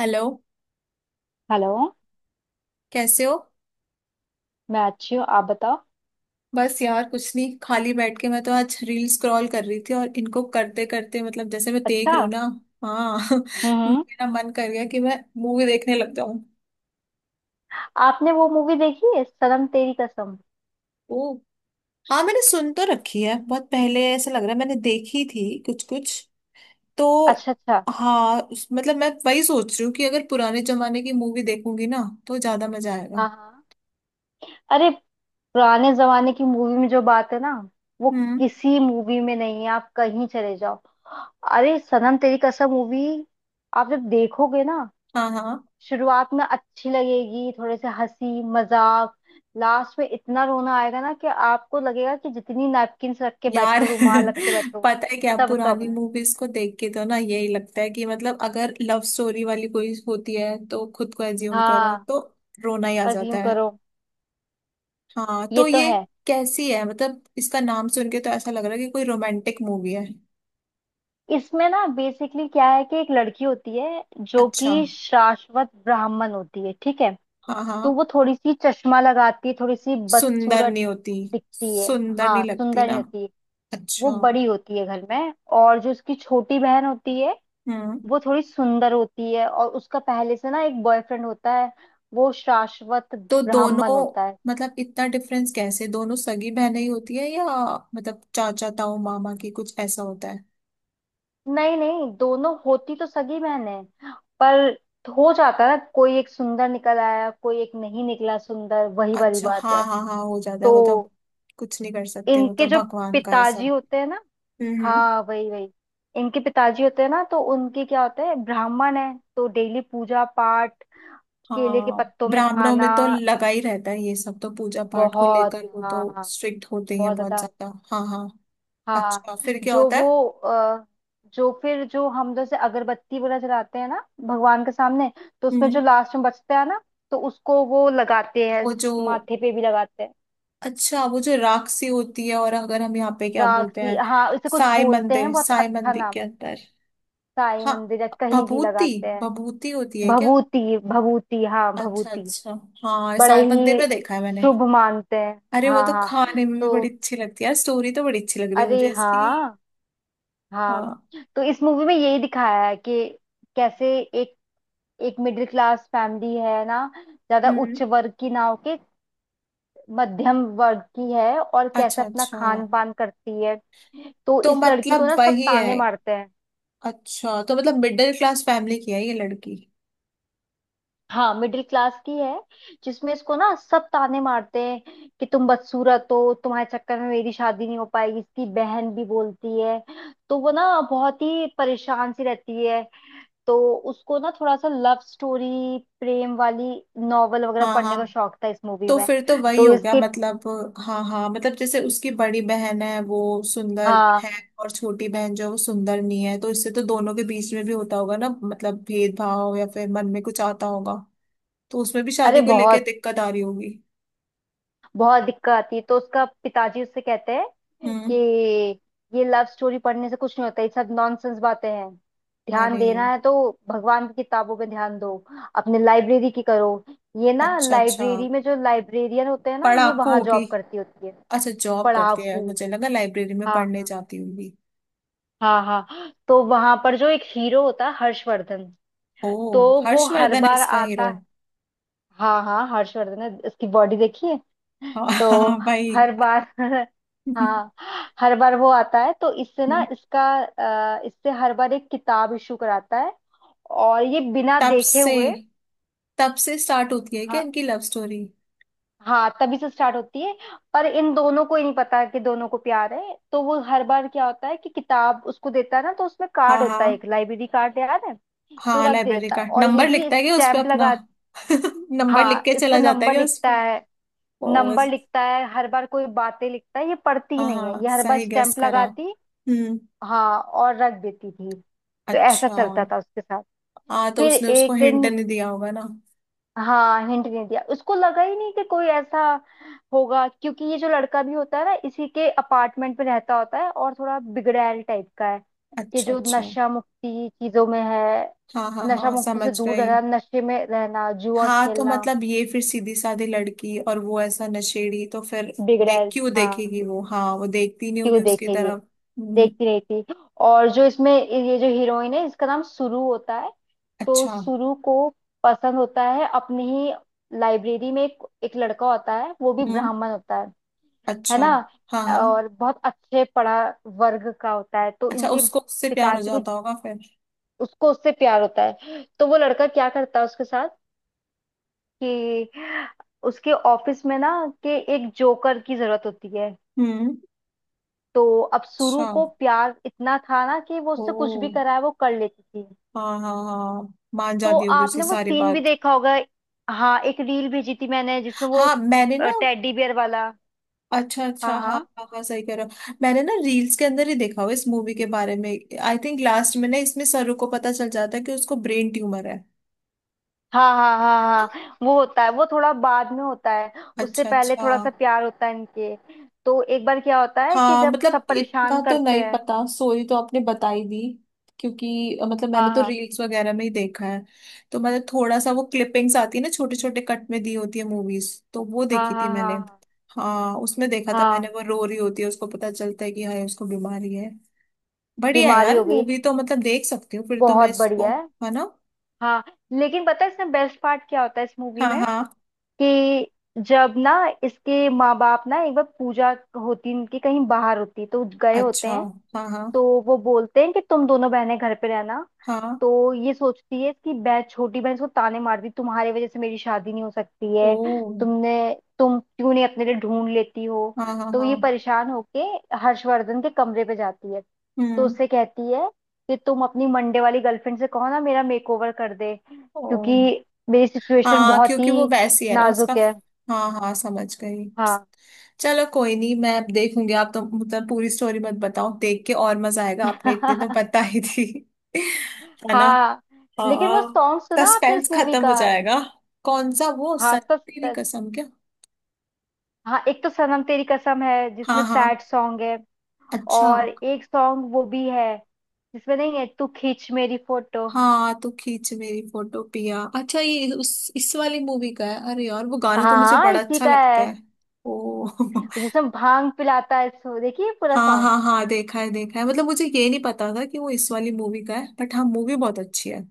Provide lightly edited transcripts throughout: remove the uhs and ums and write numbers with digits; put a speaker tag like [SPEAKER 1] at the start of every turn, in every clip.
[SPEAKER 1] Hello.
[SPEAKER 2] Hello.
[SPEAKER 1] कैसे हो?
[SPEAKER 2] मैं अच्छी हूँ, आप बताओ।
[SPEAKER 1] बस यार कुछ नहीं, खाली बैठ के मैं तो आज रील स्क्रॉल कर रही थी, और इनको करते करते मतलब जैसे मैं देख
[SPEAKER 2] अच्छा।
[SPEAKER 1] रही हूँ ना। हाँ,
[SPEAKER 2] हम्म हम्म।
[SPEAKER 1] मेरा मन कर गया कि मैं मूवी देखने लग जाऊं।
[SPEAKER 2] आपने वो मूवी देखी है, सनम तेरी कसम?
[SPEAKER 1] ओ। हाँ, मैंने सुन तो रखी है बहुत पहले, ऐसा लग रहा है मैंने देखी थी कुछ कुछ तो।
[SPEAKER 2] अच्छा अच्छा।
[SPEAKER 1] हाँ मतलब मैं वही सोच रही हूँ कि अगर पुराने जमाने की मूवी देखूंगी ना तो ज्यादा मजा आएगा।
[SPEAKER 2] हाँ हाँ। अरे पुराने जमाने की मूवी में जो बात है ना, वो
[SPEAKER 1] हम्म।
[SPEAKER 2] किसी मूवी में नहीं है। आप कहीं चले जाओ। अरे सनम तेरी कसम मूवी आप जब देखोगे ना,
[SPEAKER 1] हाँ हाँ।
[SPEAKER 2] शुरुआत में अच्छी लगेगी, थोड़े से हंसी मजाक। लास्ट में इतना रोना आएगा ना कि आपको लगेगा कि जितनी नैपकिन रख के
[SPEAKER 1] यार,
[SPEAKER 2] बैठो, रुमाल रख के बैठो,
[SPEAKER 1] पता है क्या,
[SPEAKER 2] सब कम
[SPEAKER 1] पुरानी
[SPEAKER 2] है।
[SPEAKER 1] मूवीज को देख के तो ना यही लगता है कि मतलब अगर लव स्टोरी वाली कोई होती है तो खुद को एज्यूम करो
[SPEAKER 2] हाँ
[SPEAKER 1] तो रोना ही आ जाता
[SPEAKER 2] अज्यूम
[SPEAKER 1] है।
[SPEAKER 2] करो।
[SPEAKER 1] हाँ
[SPEAKER 2] ये
[SPEAKER 1] तो
[SPEAKER 2] तो
[SPEAKER 1] ये
[SPEAKER 2] है।
[SPEAKER 1] कैसी है? मतलब इसका नाम सुन के तो ऐसा लग रहा है कि कोई रोमांटिक मूवी है।
[SPEAKER 2] इसमें ना बेसिकली क्या है कि एक लड़की होती है जो
[SPEAKER 1] अच्छा।
[SPEAKER 2] कि शाश्वत ब्राह्मण होती है, ठीक है।
[SPEAKER 1] हाँ
[SPEAKER 2] तो
[SPEAKER 1] हाँ।
[SPEAKER 2] वो थोड़ी सी चश्मा लगाती है, थोड़ी सी
[SPEAKER 1] सुंदर
[SPEAKER 2] बदसूरत
[SPEAKER 1] नहीं होती,
[SPEAKER 2] दिखती है।
[SPEAKER 1] सुंदर
[SPEAKER 2] हाँ
[SPEAKER 1] नहीं लगती
[SPEAKER 2] सुंदर नहीं
[SPEAKER 1] ना।
[SPEAKER 2] होती।
[SPEAKER 1] अच्छा।
[SPEAKER 2] वो बड़ी होती है घर में, और जो उसकी छोटी बहन होती है
[SPEAKER 1] हम्म।
[SPEAKER 2] वो थोड़ी सुंदर होती है। और उसका पहले से ना एक बॉयफ्रेंड होता है, वो शाश्वत
[SPEAKER 1] तो
[SPEAKER 2] ब्राह्मण
[SPEAKER 1] दोनों,
[SPEAKER 2] होता है।
[SPEAKER 1] मतलब इतना डिफरेंस कैसे? दोनों सगी बहनें ही होती है या मतलब चाचा ताऊ मामा की कुछ ऐसा होता है?
[SPEAKER 2] नहीं नहीं, दोनों होती तो सगी बहन है, पर हो जाता है ना कोई एक सुंदर निकल आया, कोई एक नहीं निकला सुंदर, वही वाली
[SPEAKER 1] अच्छा
[SPEAKER 2] बात
[SPEAKER 1] हाँ
[SPEAKER 2] है।
[SPEAKER 1] हाँ हाँ, हो जाता है
[SPEAKER 2] तो
[SPEAKER 1] वो तो। कुछ नहीं कर सकते, वो तो
[SPEAKER 2] इनके जो
[SPEAKER 1] भगवान का है
[SPEAKER 2] पिताजी
[SPEAKER 1] सब।
[SPEAKER 2] होते हैं ना,
[SPEAKER 1] हम्म।
[SPEAKER 2] हाँ वही वही, इनके पिताजी होते हैं ना, तो उनके क्या होते हैं, ब्राह्मण है तो डेली पूजा पाठ, केले के
[SPEAKER 1] हाँ।
[SPEAKER 2] पत्तों में
[SPEAKER 1] ब्राह्मणों
[SPEAKER 2] खाना।
[SPEAKER 1] में तो लगा ही रहता है ये सब, तो पूजा पाठ को
[SPEAKER 2] बहुत,
[SPEAKER 1] लेकर वो
[SPEAKER 2] हाँ
[SPEAKER 1] तो
[SPEAKER 2] हाँ,
[SPEAKER 1] स्ट्रिक्ट होते ही हैं
[SPEAKER 2] बहुत
[SPEAKER 1] बहुत
[SPEAKER 2] ज्यादा।
[SPEAKER 1] ज्यादा। हाँ हाँ।
[SPEAKER 2] हाँ।
[SPEAKER 1] अच्छा, फिर क्या
[SPEAKER 2] जो
[SPEAKER 1] होता
[SPEAKER 2] वो
[SPEAKER 1] है?
[SPEAKER 2] जो फिर जो हम जैसे अगरबत्ती वगैरह जलाते हैं ना, भगवान के सामने, तो उसमें जो
[SPEAKER 1] हम्म।
[SPEAKER 2] लास्ट में बचता है ना, तो उसको वो लगाते हैं,
[SPEAKER 1] वो जो
[SPEAKER 2] माथे पे भी लगाते हैं।
[SPEAKER 1] अच्छा, वो जो राक्षसी होती है, और अगर हम यहाँ पे क्या बोलते
[SPEAKER 2] राखी,
[SPEAKER 1] हैं?
[SPEAKER 2] हाँ इसे कुछ
[SPEAKER 1] साई
[SPEAKER 2] बोलते
[SPEAKER 1] मंदिर,
[SPEAKER 2] हैं, बहुत
[SPEAKER 1] साई
[SPEAKER 2] अच्छा
[SPEAKER 1] मंदिर
[SPEAKER 2] नाम।
[SPEAKER 1] के अंदर।
[SPEAKER 2] साई
[SPEAKER 1] हाँ,
[SPEAKER 2] मंदिर या कहीं भी
[SPEAKER 1] भभूति।
[SPEAKER 2] लगाते हैं।
[SPEAKER 1] भभूति होती है क्या?
[SPEAKER 2] भभूति भभूति, हाँ
[SPEAKER 1] अच्छा
[SPEAKER 2] भभूति।
[SPEAKER 1] अच्छा। हाँ,
[SPEAKER 2] बड़े
[SPEAKER 1] साई मंदिर
[SPEAKER 2] ही
[SPEAKER 1] में देखा है मैंने।
[SPEAKER 2] शुभ मानते हैं।
[SPEAKER 1] अरे वो
[SPEAKER 2] हाँ
[SPEAKER 1] तो
[SPEAKER 2] हाँ।
[SPEAKER 1] खाने में भी
[SPEAKER 2] तो
[SPEAKER 1] बड़ी अच्छी लगती है। यार, स्टोरी तो बड़ी अच्छी लग रही है मुझे
[SPEAKER 2] अरे
[SPEAKER 1] इसकी।
[SPEAKER 2] हाँ, हाँ।
[SPEAKER 1] हाँ।
[SPEAKER 2] तो इस मूवी में यही दिखाया है कि कैसे एक, एक मिडिल क्लास फैमिली है ना, ज्यादा उच्च
[SPEAKER 1] हम्म।
[SPEAKER 2] वर्ग की ना होके मध्यम वर्ग की है, और कैसे
[SPEAKER 1] अच्छा अच्छा।
[SPEAKER 2] अपना खान पान करती है। तो
[SPEAKER 1] तो
[SPEAKER 2] इस लड़की को
[SPEAKER 1] मतलब
[SPEAKER 2] ना सब
[SPEAKER 1] वही है।
[SPEAKER 2] ताने मारते हैं।
[SPEAKER 1] अच्छा, तो मतलब मिडिल क्लास फैमिली की है ये लड़की।
[SPEAKER 2] हाँ, मिडिल क्लास की है, जिसमें इसको ना सब ताने मारते हैं कि तुम बदसूरत हो, तुम्हारे चक्कर में मेरी शादी नहीं हो पाएगी, इसकी बहन भी बोलती है। तो वो ना बहुत ही परेशान सी रहती है। तो उसको ना थोड़ा सा लव स्टोरी, प्रेम वाली नॉवल वगैरह
[SPEAKER 1] हाँ
[SPEAKER 2] पढ़ने का
[SPEAKER 1] हाँ,
[SPEAKER 2] शौक था इस मूवी
[SPEAKER 1] तो
[SPEAKER 2] में।
[SPEAKER 1] फिर तो वही
[SPEAKER 2] तो
[SPEAKER 1] हो गया
[SPEAKER 2] इसके,
[SPEAKER 1] मतलब। हाँ हाँ, मतलब जैसे उसकी बड़ी बहन है वो सुंदर
[SPEAKER 2] हाँ
[SPEAKER 1] है, और छोटी बहन जो है वो सुंदर नहीं है, तो इससे तो दोनों के बीच में भी होता होगा ना मतलब भेदभाव, या फिर मन में कुछ आता होगा। तो उसमें भी
[SPEAKER 2] अरे,
[SPEAKER 1] शादी को लेके
[SPEAKER 2] बहुत
[SPEAKER 1] दिक्कत आ रही होगी।
[SPEAKER 2] बहुत दिक्कत आती है। तो उसका पिताजी उससे कहते हैं
[SPEAKER 1] हम्म।
[SPEAKER 2] कि ये लव स्टोरी पढ़ने से कुछ नहीं होता, ये सब नॉनसेंस बातें हैं। ध्यान
[SPEAKER 1] अरे।
[SPEAKER 2] देना है तो भगवान की किताबों में ध्यान दो। अपने लाइब्रेरी की करो। ये ना
[SPEAKER 1] अच्छा अच्छा,
[SPEAKER 2] लाइब्रेरी में जो लाइब्रेरियन होते हैं ना, ये
[SPEAKER 1] पढ़ाकू
[SPEAKER 2] वहां
[SPEAKER 1] होगी।
[SPEAKER 2] जॉब करती होती है।
[SPEAKER 1] अच्छा, जॉब करती है,
[SPEAKER 2] पढ़ाकू,
[SPEAKER 1] मुझे लगा लाइब्रेरी में
[SPEAKER 2] हाँ
[SPEAKER 1] पढ़ने
[SPEAKER 2] हाँ।
[SPEAKER 1] जाती होगी।
[SPEAKER 2] हाँ हाँ। तो वहां पर जो एक हीरो होता है, हर्षवर्धन,
[SPEAKER 1] ओ,
[SPEAKER 2] तो वो हर
[SPEAKER 1] हर्षवर्धन है
[SPEAKER 2] बार
[SPEAKER 1] इसका
[SPEAKER 2] आता।
[SPEAKER 1] हीरो?
[SPEAKER 2] हाँ हाँ, हर्षवर्धन ने उसकी बॉडी देखी है।
[SPEAKER 1] हाँ
[SPEAKER 2] तो
[SPEAKER 1] हाँ, भाई।
[SPEAKER 2] हर बार हाँ, हर बार वो आता है तो इससे ना इसका इससे हर बार एक किताब इशू कराता है, और ये बिना
[SPEAKER 1] तब
[SPEAKER 2] देखे
[SPEAKER 1] से,
[SPEAKER 2] हुए।
[SPEAKER 1] तब से स्टार्ट होती है क्या
[SPEAKER 2] हाँ।
[SPEAKER 1] इनकी लव स्टोरी?
[SPEAKER 2] हाँ तभी से स्टार्ट होती है। पर इन दोनों को ही नहीं पता कि दोनों को प्यार है। तो वो हर बार क्या होता है कि किताब उसको देता है ना, तो उसमें
[SPEAKER 1] हाँ
[SPEAKER 2] कार्ड
[SPEAKER 1] हाँ
[SPEAKER 2] होता है, एक लाइब्रेरी कार्ड याद है। तो
[SPEAKER 1] हाँ।
[SPEAKER 2] रख
[SPEAKER 1] लाइब्रेरी
[SPEAKER 2] देता है
[SPEAKER 1] का
[SPEAKER 2] और ये
[SPEAKER 1] नंबर
[SPEAKER 2] भी
[SPEAKER 1] लिखता है क्या उस पे
[SPEAKER 2] स्टैंप
[SPEAKER 1] अपना?
[SPEAKER 2] लगा।
[SPEAKER 1] नंबर लिख
[SPEAKER 2] हाँ,
[SPEAKER 1] के
[SPEAKER 2] इस पे
[SPEAKER 1] चला जाता है
[SPEAKER 2] नंबर
[SPEAKER 1] क्या उस
[SPEAKER 2] लिखता
[SPEAKER 1] पे?
[SPEAKER 2] है।
[SPEAKER 1] ओ।
[SPEAKER 2] नंबर लिखता है, हर बार कोई बातें लिखता है, ये पढ़ती
[SPEAKER 1] हाँ
[SPEAKER 2] नहीं है,
[SPEAKER 1] हाँ,
[SPEAKER 2] ये हर बार
[SPEAKER 1] सही गेस
[SPEAKER 2] स्टैंप
[SPEAKER 1] करा।
[SPEAKER 2] लगाती।
[SPEAKER 1] हम्म।
[SPEAKER 2] हाँ और रख देती थी, तो ऐसा
[SPEAKER 1] अच्छा।
[SPEAKER 2] चलता था उसके साथ।
[SPEAKER 1] हाँ तो
[SPEAKER 2] फिर
[SPEAKER 1] उसने उसको
[SPEAKER 2] एक
[SPEAKER 1] हिंट
[SPEAKER 2] दिन,
[SPEAKER 1] नहीं दिया होगा ना।
[SPEAKER 2] हाँ हिंट नहीं दिया, उसको लगा ही नहीं कि कोई ऐसा होगा। क्योंकि ये जो लड़का भी होता है ना, इसी के अपार्टमेंट में रहता होता है, और थोड़ा बिगड़ैल टाइप का है कि
[SPEAKER 1] अच्छा
[SPEAKER 2] जो
[SPEAKER 1] अच्छा।
[SPEAKER 2] नशा मुक्ति चीजों में है।
[SPEAKER 1] हाँ हाँ
[SPEAKER 2] नशा
[SPEAKER 1] हाँ,
[SPEAKER 2] मुक्ति
[SPEAKER 1] समझ
[SPEAKER 2] से दूर
[SPEAKER 1] गई।
[SPEAKER 2] रहना, नशे में रहना, जुआ
[SPEAKER 1] हाँ तो
[SPEAKER 2] खेलना,
[SPEAKER 1] मतलब ये फिर सीधी साधी लड़की और वो ऐसा नशेड़ी, तो फिर देख
[SPEAKER 2] बिगड़ैल।
[SPEAKER 1] क्यों
[SPEAKER 2] हाँ,
[SPEAKER 1] देखेगी वो? हाँ, वो देखती नहीं
[SPEAKER 2] क्यों
[SPEAKER 1] होगी उसकी
[SPEAKER 2] देखेंगे,
[SPEAKER 1] तरफ। हम्म।
[SPEAKER 2] देखती नहीं थी। और जो इसमें ये जो हीरोइन है, इसका नाम सुरु होता है। तो
[SPEAKER 1] अच्छा।
[SPEAKER 2] सुरु को पसंद होता है, अपनी ही लाइब्रेरी में एक लड़का होता है, वो भी
[SPEAKER 1] हम्म।
[SPEAKER 2] ब्राह्मण होता है
[SPEAKER 1] अच्छा।
[SPEAKER 2] ना,
[SPEAKER 1] हाँ हाँ।
[SPEAKER 2] और बहुत अच्छे पढ़ा वर्ग का होता है। तो
[SPEAKER 1] अच्छा,
[SPEAKER 2] इनके
[SPEAKER 1] उसको उससे प्यार हो
[SPEAKER 2] पिताजी को,
[SPEAKER 1] जाता होगा फिर।
[SPEAKER 2] उसको उससे प्यार होता है। तो वो लड़का क्या करता है उसके साथ कि उसके ऑफिस में ना कि एक जोकर की जरूरत होती है।
[SPEAKER 1] हम्म।
[SPEAKER 2] तो अब सुरु
[SPEAKER 1] अच्छा।
[SPEAKER 2] को प्यार इतना था ना कि वो
[SPEAKER 1] ओ।
[SPEAKER 2] उससे कुछ भी कराए वो कर लेती थी।
[SPEAKER 1] हाँ हाँ हाँ, मान
[SPEAKER 2] तो
[SPEAKER 1] जाती होगी उसकी
[SPEAKER 2] आपने वो
[SPEAKER 1] सारी
[SPEAKER 2] सीन भी
[SPEAKER 1] बात।
[SPEAKER 2] देखा होगा। हाँ एक रील भेजी थी मैंने जिसमें वो
[SPEAKER 1] हाँ, मैंने ना।
[SPEAKER 2] टेडी बियर वाला।
[SPEAKER 1] अच्छा
[SPEAKER 2] हाँ
[SPEAKER 1] अच्छा, हाँ
[SPEAKER 2] हाँ
[SPEAKER 1] हाँ हाँ, सही कह रहे हो, मैंने ना रील्स के अंदर ही देखा हुआ इस मूवी के बारे में। आई थिंक लास्ट में ना इसमें सरू को पता चल जाता है कि उसको ब्रेन ट्यूमर है
[SPEAKER 2] हाँ हाँ
[SPEAKER 1] है
[SPEAKER 2] हाँ।
[SPEAKER 1] ना?
[SPEAKER 2] हाँ वो होता है, वो थोड़ा बाद में होता है। उससे
[SPEAKER 1] अच्छा
[SPEAKER 2] पहले
[SPEAKER 1] अच्छा।
[SPEAKER 2] थोड़ा सा प्यार होता है इनके। तो एक बार क्या होता है कि
[SPEAKER 1] हाँ,
[SPEAKER 2] जब
[SPEAKER 1] मतलब
[SPEAKER 2] सब परेशान
[SPEAKER 1] इतना तो
[SPEAKER 2] करते
[SPEAKER 1] नहीं
[SPEAKER 2] हैं,
[SPEAKER 1] पता, स्टोरी तो आपने बताई दी, क्योंकि मतलब मैंने
[SPEAKER 2] हाँ
[SPEAKER 1] तो
[SPEAKER 2] हाँ
[SPEAKER 1] रील्स वगैरह में ही देखा है। तो मैंने थोड़ा सा, वो क्लिपिंग्स आती है ना छोटे छोटे कट में दी होती है मूवीज, तो वो
[SPEAKER 2] हाँ
[SPEAKER 1] देखी थी
[SPEAKER 2] हाँ
[SPEAKER 1] मैंने।
[SPEAKER 2] हाँ हाँ
[SPEAKER 1] हाँ, उसमें देखा था मैंने,
[SPEAKER 2] हाँ,
[SPEAKER 1] वो रो रही होती है, उसको पता चलता है कि हाय उसको बीमारी है। बढ़िया,
[SPEAKER 2] बीमारी
[SPEAKER 1] यार
[SPEAKER 2] हो गई।
[SPEAKER 1] मूवी तो मतलब देख सकती हूँ फिर तो मैं
[SPEAKER 2] बहुत
[SPEAKER 1] इसको,
[SPEAKER 2] बढ़िया है।
[SPEAKER 1] है ना?
[SPEAKER 2] हाँ, लेकिन पता है इसमें बेस्ट पार्ट क्या होता है इस मूवी
[SPEAKER 1] हाँ
[SPEAKER 2] में
[SPEAKER 1] हाँ।
[SPEAKER 2] कि जब ना इसके माँ बाप ना एक बार पूजा होती इनकी, कहीं बाहर होती तो गए होते
[SPEAKER 1] अच्छा।
[SPEAKER 2] हैं।
[SPEAKER 1] हाँ हाँ
[SPEAKER 2] तो वो बोलते हैं कि तुम दोनों बहनें घर पे रहना।
[SPEAKER 1] हाँ।
[SPEAKER 2] तो ये सोचती है, इसकी बहन छोटी बहन इसको ताने मारती, तुम्हारी वजह से मेरी शादी नहीं हो सकती
[SPEAKER 1] ओ।
[SPEAKER 2] है, तुमने तुम क्यों नहीं अपने लिए ढूंढ लेती हो।
[SPEAKER 1] हाँ हाँ
[SPEAKER 2] तो ये
[SPEAKER 1] हाँ।
[SPEAKER 2] परेशान होके हर्षवर्धन के कमरे पे जाती है। तो
[SPEAKER 1] हम्म।
[SPEAKER 2] उससे कहती है कि तुम अपनी मंडे वाली गर्लफ्रेंड से कहो ना, मेरा मेकओवर कर दे,
[SPEAKER 1] ओ।
[SPEAKER 2] क्योंकि मेरी सिचुएशन
[SPEAKER 1] हाँ,
[SPEAKER 2] बहुत
[SPEAKER 1] क्योंकि वो
[SPEAKER 2] ही
[SPEAKER 1] वैसी है ना उसका।
[SPEAKER 2] नाजुक है।
[SPEAKER 1] हाँ हाँ, समझ गई।
[SPEAKER 2] हाँ
[SPEAKER 1] चलो कोई नहीं, मैं अब देखूंगी, आप तो मतलब पूरी स्टोरी मत बताओ, देख के और मजा आएगा, आपने इतनी तो बता ही दी। है ना।
[SPEAKER 2] हाँ। लेकिन
[SPEAKER 1] हाँ।
[SPEAKER 2] वो सॉन्ग सुना आपने इस
[SPEAKER 1] सस्पेंस
[SPEAKER 2] मूवी
[SPEAKER 1] खत्म हो
[SPEAKER 2] का?
[SPEAKER 1] जाएगा। कौन सा? वो
[SPEAKER 2] हाँ सब।
[SPEAKER 1] सच्ची कसम क्या?
[SPEAKER 2] हाँ, एक तो सनम तेरी कसम है
[SPEAKER 1] हाँ
[SPEAKER 2] जिसमें
[SPEAKER 1] हाँ।
[SPEAKER 2] सैड सॉन्ग है,
[SPEAKER 1] अच्छा।
[SPEAKER 2] और एक सॉन्ग वो भी है जिसमें नहीं है तू, खींच मेरी फोटो।
[SPEAKER 1] हाँ, तो खींच मेरी फोटो पिया, अच्छा ये उस इस वाली मूवी का है? अरे यार वो
[SPEAKER 2] हाँ
[SPEAKER 1] गाना तो मुझे
[SPEAKER 2] हाँ
[SPEAKER 1] बड़ा
[SPEAKER 2] इसी
[SPEAKER 1] अच्छा
[SPEAKER 2] का
[SPEAKER 1] लगता
[SPEAKER 2] है,
[SPEAKER 1] है। ओ।
[SPEAKER 2] जिसमें भांग पिलाता है, सो देखिए पूरा
[SPEAKER 1] हाँ
[SPEAKER 2] सॉन्ग।
[SPEAKER 1] हाँ हाँ, देखा है देखा है, मतलब मुझे ये नहीं पता था कि वो इस वाली मूवी का है, बट हाँ मूवी बहुत अच्छी है।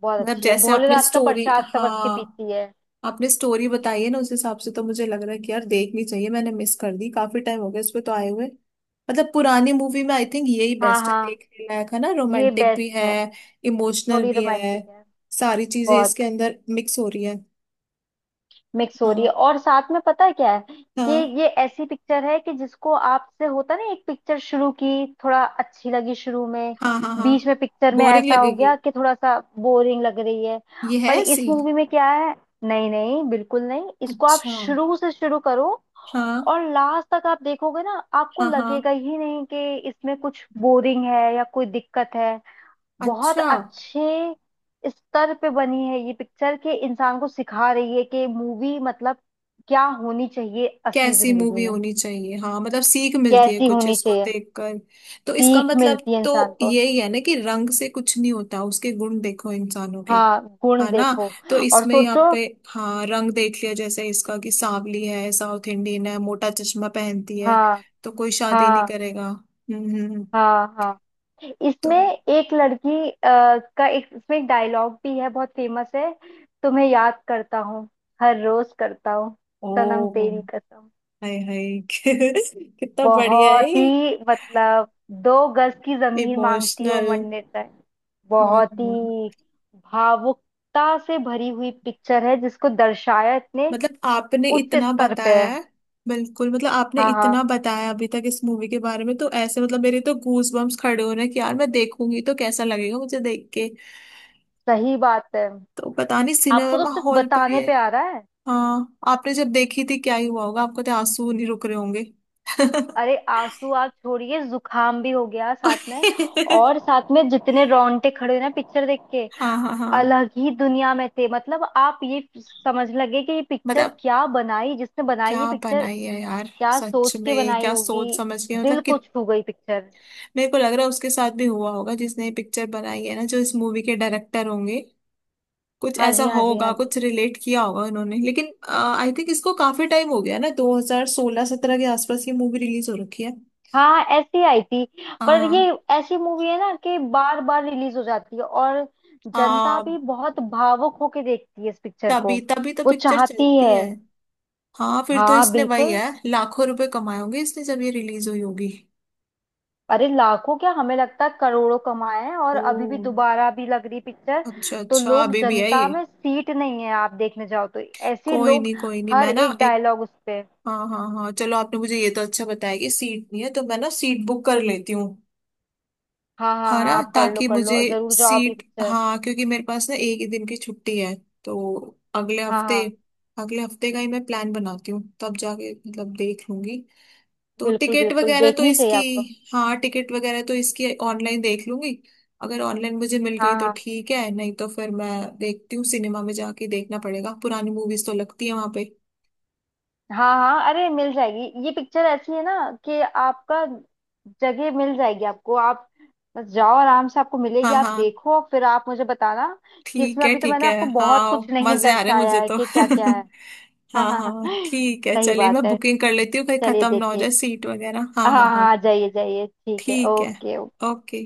[SPEAKER 2] बहुत
[SPEAKER 1] मतलब
[SPEAKER 2] अच्छी है।
[SPEAKER 1] जैसे आपने
[SPEAKER 2] भोलेनाथ का
[SPEAKER 1] स्टोरी,
[SPEAKER 2] प्रसाद समझ के
[SPEAKER 1] हाँ
[SPEAKER 2] पीती है।
[SPEAKER 1] आपने स्टोरी बताई है ना उस हिसाब से, तो मुझे लग रहा है कि यार देखनी चाहिए, मैंने मिस कर दी, काफी टाइम हो गया इस पे तो आए हुए। मतलब पुरानी मूवी में आई थिंक यही
[SPEAKER 2] हाँ
[SPEAKER 1] बेस्ट है,
[SPEAKER 2] हाँ।
[SPEAKER 1] देखने लायक है ना,
[SPEAKER 2] ये
[SPEAKER 1] रोमांटिक भी
[SPEAKER 2] बेस्ट
[SPEAKER 1] है,
[SPEAKER 2] है।
[SPEAKER 1] इमोशनल
[SPEAKER 2] थोड़ी
[SPEAKER 1] भी है,
[SPEAKER 2] रोमांटिक है।
[SPEAKER 1] सारी चीजें इसके
[SPEAKER 2] बहुत
[SPEAKER 1] अंदर मिक्स हो रही है।
[SPEAKER 2] मिक्स हो रही
[SPEAKER 1] हाँ
[SPEAKER 2] है। और साथ में पता है क्या है कि
[SPEAKER 1] हाँ।
[SPEAKER 2] ये ऐसी पिक्चर है कि जिसको आपसे होता ना, एक पिक्चर शुरू की, थोड़ा अच्छी लगी शुरू में,
[SPEAKER 1] हाँ हाँ हाँ।
[SPEAKER 2] बीच में पिक्चर में
[SPEAKER 1] बोरिंग
[SPEAKER 2] ऐसा हो
[SPEAKER 1] लगेगी,
[SPEAKER 2] गया कि थोड़ा सा बोरिंग लग रही है।
[SPEAKER 1] ये है
[SPEAKER 2] पर
[SPEAKER 1] ऐसी।
[SPEAKER 2] इस मूवी में क्या है, नहीं नहीं बिल्कुल नहीं, इसको आप
[SPEAKER 1] अच्छा।
[SPEAKER 2] शुरू से शुरू करो
[SPEAKER 1] हाँ
[SPEAKER 2] और लास्ट तक आप देखोगे ना, आपको
[SPEAKER 1] हाँ
[SPEAKER 2] लगेगा
[SPEAKER 1] हाँ।
[SPEAKER 2] ही नहीं कि इसमें कुछ बोरिंग है या कोई दिक्कत है। बहुत
[SPEAKER 1] अच्छा,
[SPEAKER 2] अच्छे स्तर पे बनी है ये पिक्चर कि इंसान को सिखा रही है कि मूवी मतलब क्या होनी चाहिए असली
[SPEAKER 1] कैसी
[SPEAKER 2] जिंदगी
[SPEAKER 1] मूवी
[SPEAKER 2] में,
[SPEAKER 1] होनी चाहिए, हाँ मतलब सीख मिलती है
[SPEAKER 2] कैसी
[SPEAKER 1] कुछ
[SPEAKER 2] होनी
[SPEAKER 1] इसको
[SPEAKER 2] चाहिए।
[SPEAKER 1] देखकर। तो इसका
[SPEAKER 2] सीख
[SPEAKER 1] मतलब
[SPEAKER 2] मिलती है
[SPEAKER 1] तो
[SPEAKER 2] इंसान को।
[SPEAKER 1] यही है ना कि रंग से कुछ नहीं होता, उसके गुण देखो इंसानों के,
[SPEAKER 2] हाँ गुण
[SPEAKER 1] है ना?
[SPEAKER 2] देखो
[SPEAKER 1] तो
[SPEAKER 2] और
[SPEAKER 1] इसमें यहाँ
[SPEAKER 2] सोचो।
[SPEAKER 1] पे हाँ रंग देख लिया जैसे इसका, कि सांवली है, साउथ इंडियन है, मोटा चश्मा पहनती है,
[SPEAKER 2] हाँ
[SPEAKER 1] तो कोई शादी नहीं
[SPEAKER 2] हाँ
[SPEAKER 1] करेगा।
[SPEAKER 2] हाँ हाँ।
[SPEAKER 1] तो,
[SPEAKER 2] इसमें एक लड़की का एक इसमें एक डायलॉग भी है, बहुत फेमस है। तुम्हें याद करता हूँ, हर रोज करता हूँ, सनम
[SPEAKER 1] ओ
[SPEAKER 2] तेरी कसम।
[SPEAKER 1] हाय हाय, कितना बढ़िया है,
[SPEAKER 2] बहुत ही मतलब, दो गज की जमीन मांगती है वो,
[SPEAKER 1] इमोशनल।
[SPEAKER 2] मंडिर राय।
[SPEAKER 1] हम्म,
[SPEAKER 2] बहुत
[SPEAKER 1] हम्म।
[SPEAKER 2] ही भावुकता से भरी हुई पिक्चर है जिसको दर्शाया इतने
[SPEAKER 1] मतलब आपने
[SPEAKER 2] उच्च
[SPEAKER 1] इतना
[SPEAKER 2] स्तर पे
[SPEAKER 1] बताया
[SPEAKER 2] है।
[SPEAKER 1] है, बिल्कुल मतलब आपने
[SPEAKER 2] हाँ
[SPEAKER 1] इतना
[SPEAKER 2] हाँ
[SPEAKER 1] बताया अभी तक इस मूवी के बारे में, तो ऐसे मतलब मेरे तो गूज बम्स खड़े हो रहे हैं कि यार मैं देखूंगी तो कैसा लगेगा मुझे देख के।
[SPEAKER 2] सही बात है।
[SPEAKER 1] तो पता नहीं,
[SPEAKER 2] आपको तो
[SPEAKER 1] सिनेमा
[SPEAKER 2] सिर्फ
[SPEAKER 1] हॉल पर
[SPEAKER 2] बताने
[SPEAKER 1] ये,
[SPEAKER 2] पे आ रहा है।
[SPEAKER 1] हाँ आपने जब देखी थी क्या ही हुआ होगा, आपको तो आंसू नहीं रुक रहे होंगे।
[SPEAKER 2] अरे आंसू आप छोड़िए, जुखाम भी हो गया साथ में, और साथ में जितने रोंगटे खड़े हुए ना पिक्चर देख के,
[SPEAKER 1] हाँ हाँ हाँ।
[SPEAKER 2] अलग ही दुनिया में थे। मतलब आप ये समझ लगे कि ये पिक्चर
[SPEAKER 1] मतलब
[SPEAKER 2] क्या बनाई, जिसने बनाई
[SPEAKER 1] क्या
[SPEAKER 2] ये पिक्चर
[SPEAKER 1] बनाई है यार,
[SPEAKER 2] क्या
[SPEAKER 1] सच
[SPEAKER 2] सोच के
[SPEAKER 1] में
[SPEAKER 2] बनाई
[SPEAKER 1] क्या सोच
[SPEAKER 2] होगी,
[SPEAKER 1] समझ के
[SPEAKER 2] दिल
[SPEAKER 1] मतलब कि,
[SPEAKER 2] को छू गई पिक्चर।
[SPEAKER 1] मेरे को लग रहा है उसके साथ भी हुआ होगा जिसने ये पिक्चर बनाई है ना, जो इस मूवी के डायरेक्टर होंगे, कुछ
[SPEAKER 2] हाँ
[SPEAKER 1] ऐसा
[SPEAKER 2] जी हाँ जी हाँ
[SPEAKER 1] होगा,
[SPEAKER 2] जी,
[SPEAKER 1] कुछ रिलेट किया होगा उन्होंने। लेकिन आई थिंक इसको काफी टाइम हो गया ना, 2016-17 के आसपास ये मूवी रिलीज हो रखी है।
[SPEAKER 2] हाँ ऐसी आई थी। पर ये
[SPEAKER 1] हाँ
[SPEAKER 2] ऐसी मूवी है ना कि बार बार रिलीज हो जाती है, और जनता
[SPEAKER 1] हाँ।
[SPEAKER 2] भी बहुत भावुक होके देखती है इस पिक्चर को,
[SPEAKER 1] तभी तभी तो
[SPEAKER 2] वो
[SPEAKER 1] पिक्चर
[SPEAKER 2] चाहती
[SPEAKER 1] चलती
[SPEAKER 2] है।
[SPEAKER 1] है। हाँ, फिर तो
[SPEAKER 2] हाँ
[SPEAKER 1] इसने वही
[SPEAKER 2] बिल्कुल।
[SPEAKER 1] है लाखों रुपए कमाए होंगे इसने जब ये रिलीज हुई होगी।
[SPEAKER 2] अरे लाखों क्या, हमें लगता है करोड़ों कमाए हैं, और अभी भी
[SPEAKER 1] ओ,
[SPEAKER 2] दोबारा भी लग रही पिक्चर।
[SPEAKER 1] अच्छा
[SPEAKER 2] तो
[SPEAKER 1] अच्छा,
[SPEAKER 2] लोग,
[SPEAKER 1] अभी भी है
[SPEAKER 2] जनता
[SPEAKER 1] ये?
[SPEAKER 2] में सीट नहीं है आप देखने जाओ तो, ऐसे
[SPEAKER 1] कोई
[SPEAKER 2] लोग
[SPEAKER 1] नहीं कोई नहीं,
[SPEAKER 2] हर
[SPEAKER 1] मैं ना
[SPEAKER 2] एक
[SPEAKER 1] एक,
[SPEAKER 2] डायलॉग उस पे।
[SPEAKER 1] हाँ हाँ हाँ, चलो आपने मुझे ये तो अच्छा बताया कि सीट नहीं है, तो मैं ना सीट बुक कर लेती हूँ।
[SPEAKER 2] हाँ हाँ हाँ,
[SPEAKER 1] हरा
[SPEAKER 2] आप कर लो
[SPEAKER 1] ताकि
[SPEAKER 2] कर
[SPEAKER 1] मुझे
[SPEAKER 2] लो, जरूर जाओ आप ये
[SPEAKER 1] सीट,
[SPEAKER 2] पिक्चर।
[SPEAKER 1] हाँ क्योंकि मेरे पास ना एक ही दिन की छुट्टी है, तो अगले
[SPEAKER 2] हाँ
[SPEAKER 1] हफ्ते,
[SPEAKER 2] हाँ,
[SPEAKER 1] अगले हफ्ते का ही मैं प्लान बनाती हूँ, तब जाके मतलब देख लूंगी। तो
[SPEAKER 2] बिल्कुल
[SPEAKER 1] टिकट
[SPEAKER 2] बिल्कुल
[SPEAKER 1] वगैरह तो
[SPEAKER 2] देखनी चाहिए
[SPEAKER 1] इसकी,
[SPEAKER 2] आपको।
[SPEAKER 1] हाँ टिकट वगैरह तो इसकी ऑनलाइन देख लूंगी, अगर ऑनलाइन मुझे मिल
[SPEAKER 2] हाँ
[SPEAKER 1] गई तो
[SPEAKER 2] हाँ
[SPEAKER 1] ठीक है, नहीं तो फिर मैं देखती हूँ, सिनेमा में जाके देखना पड़ेगा, पुरानी मूवीज तो लगती है वहां पे।
[SPEAKER 2] हाँ हाँ, अरे मिल जाएगी, ये पिक्चर ऐसी है ना कि आपका जगह मिल जाएगी आपको। आप बस जाओ आराम से, आपको मिलेगी।
[SPEAKER 1] हाँ
[SPEAKER 2] आप
[SPEAKER 1] हाँ,
[SPEAKER 2] देखो फिर आप मुझे बताना कि
[SPEAKER 1] ठीक
[SPEAKER 2] इसमें
[SPEAKER 1] है
[SPEAKER 2] अभी तो
[SPEAKER 1] ठीक
[SPEAKER 2] मैंने
[SPEAKER 1] है।
[SPEAKER 2] आपको बहुत
[SPEAKER 1] हाँ
[SPEAKER 2] कुछ नहीं
[SPEAKER 1] मजे आ रहे हैं
[SPEAKER 2] दर्शाया
[SPEAKER 1] मुझे
[SPEAKER 2] है
[SPEAKER 1] तो।
[SPEAKER 2] कि क्या क्या है। हाँ
[SPEAKER 1] हाँ
[SPEAKER 2] हाँ
[SPEAKER 1] हाँ
[SPEAKER 2] हाँ
[SPEAKER 1] हाँ, ठीक है,
[SPEAKER 2] सही
[SPEAKER 1] चलिए
[SPEAKER 2] बात
[SPEAKER 1] मैं
[SPEAKER 2] है।
[SPEAKER 1] बुकिंग कर लेती हूँ कहीं
[SPEAKER 2] चलिए
[SPEAKER 1] खत्म ना हो
[SPEAKER 2] देखिए।
[SPEAKER 1] जाए सीट वगैरह।
[SPEAKER 2] हाँ
[SPEAKER 1] हाँ हाँ
[SPEAKER 2] हाँ
[SPEAKER 1] हाँ,
[SPEAKER 2] हाँ, जाइए जाइए, ठीक है,
[SPEAKER 1] ठीक है,
[SPEAKER 2] ओके ओके।
[SPEAKER 1] ओके।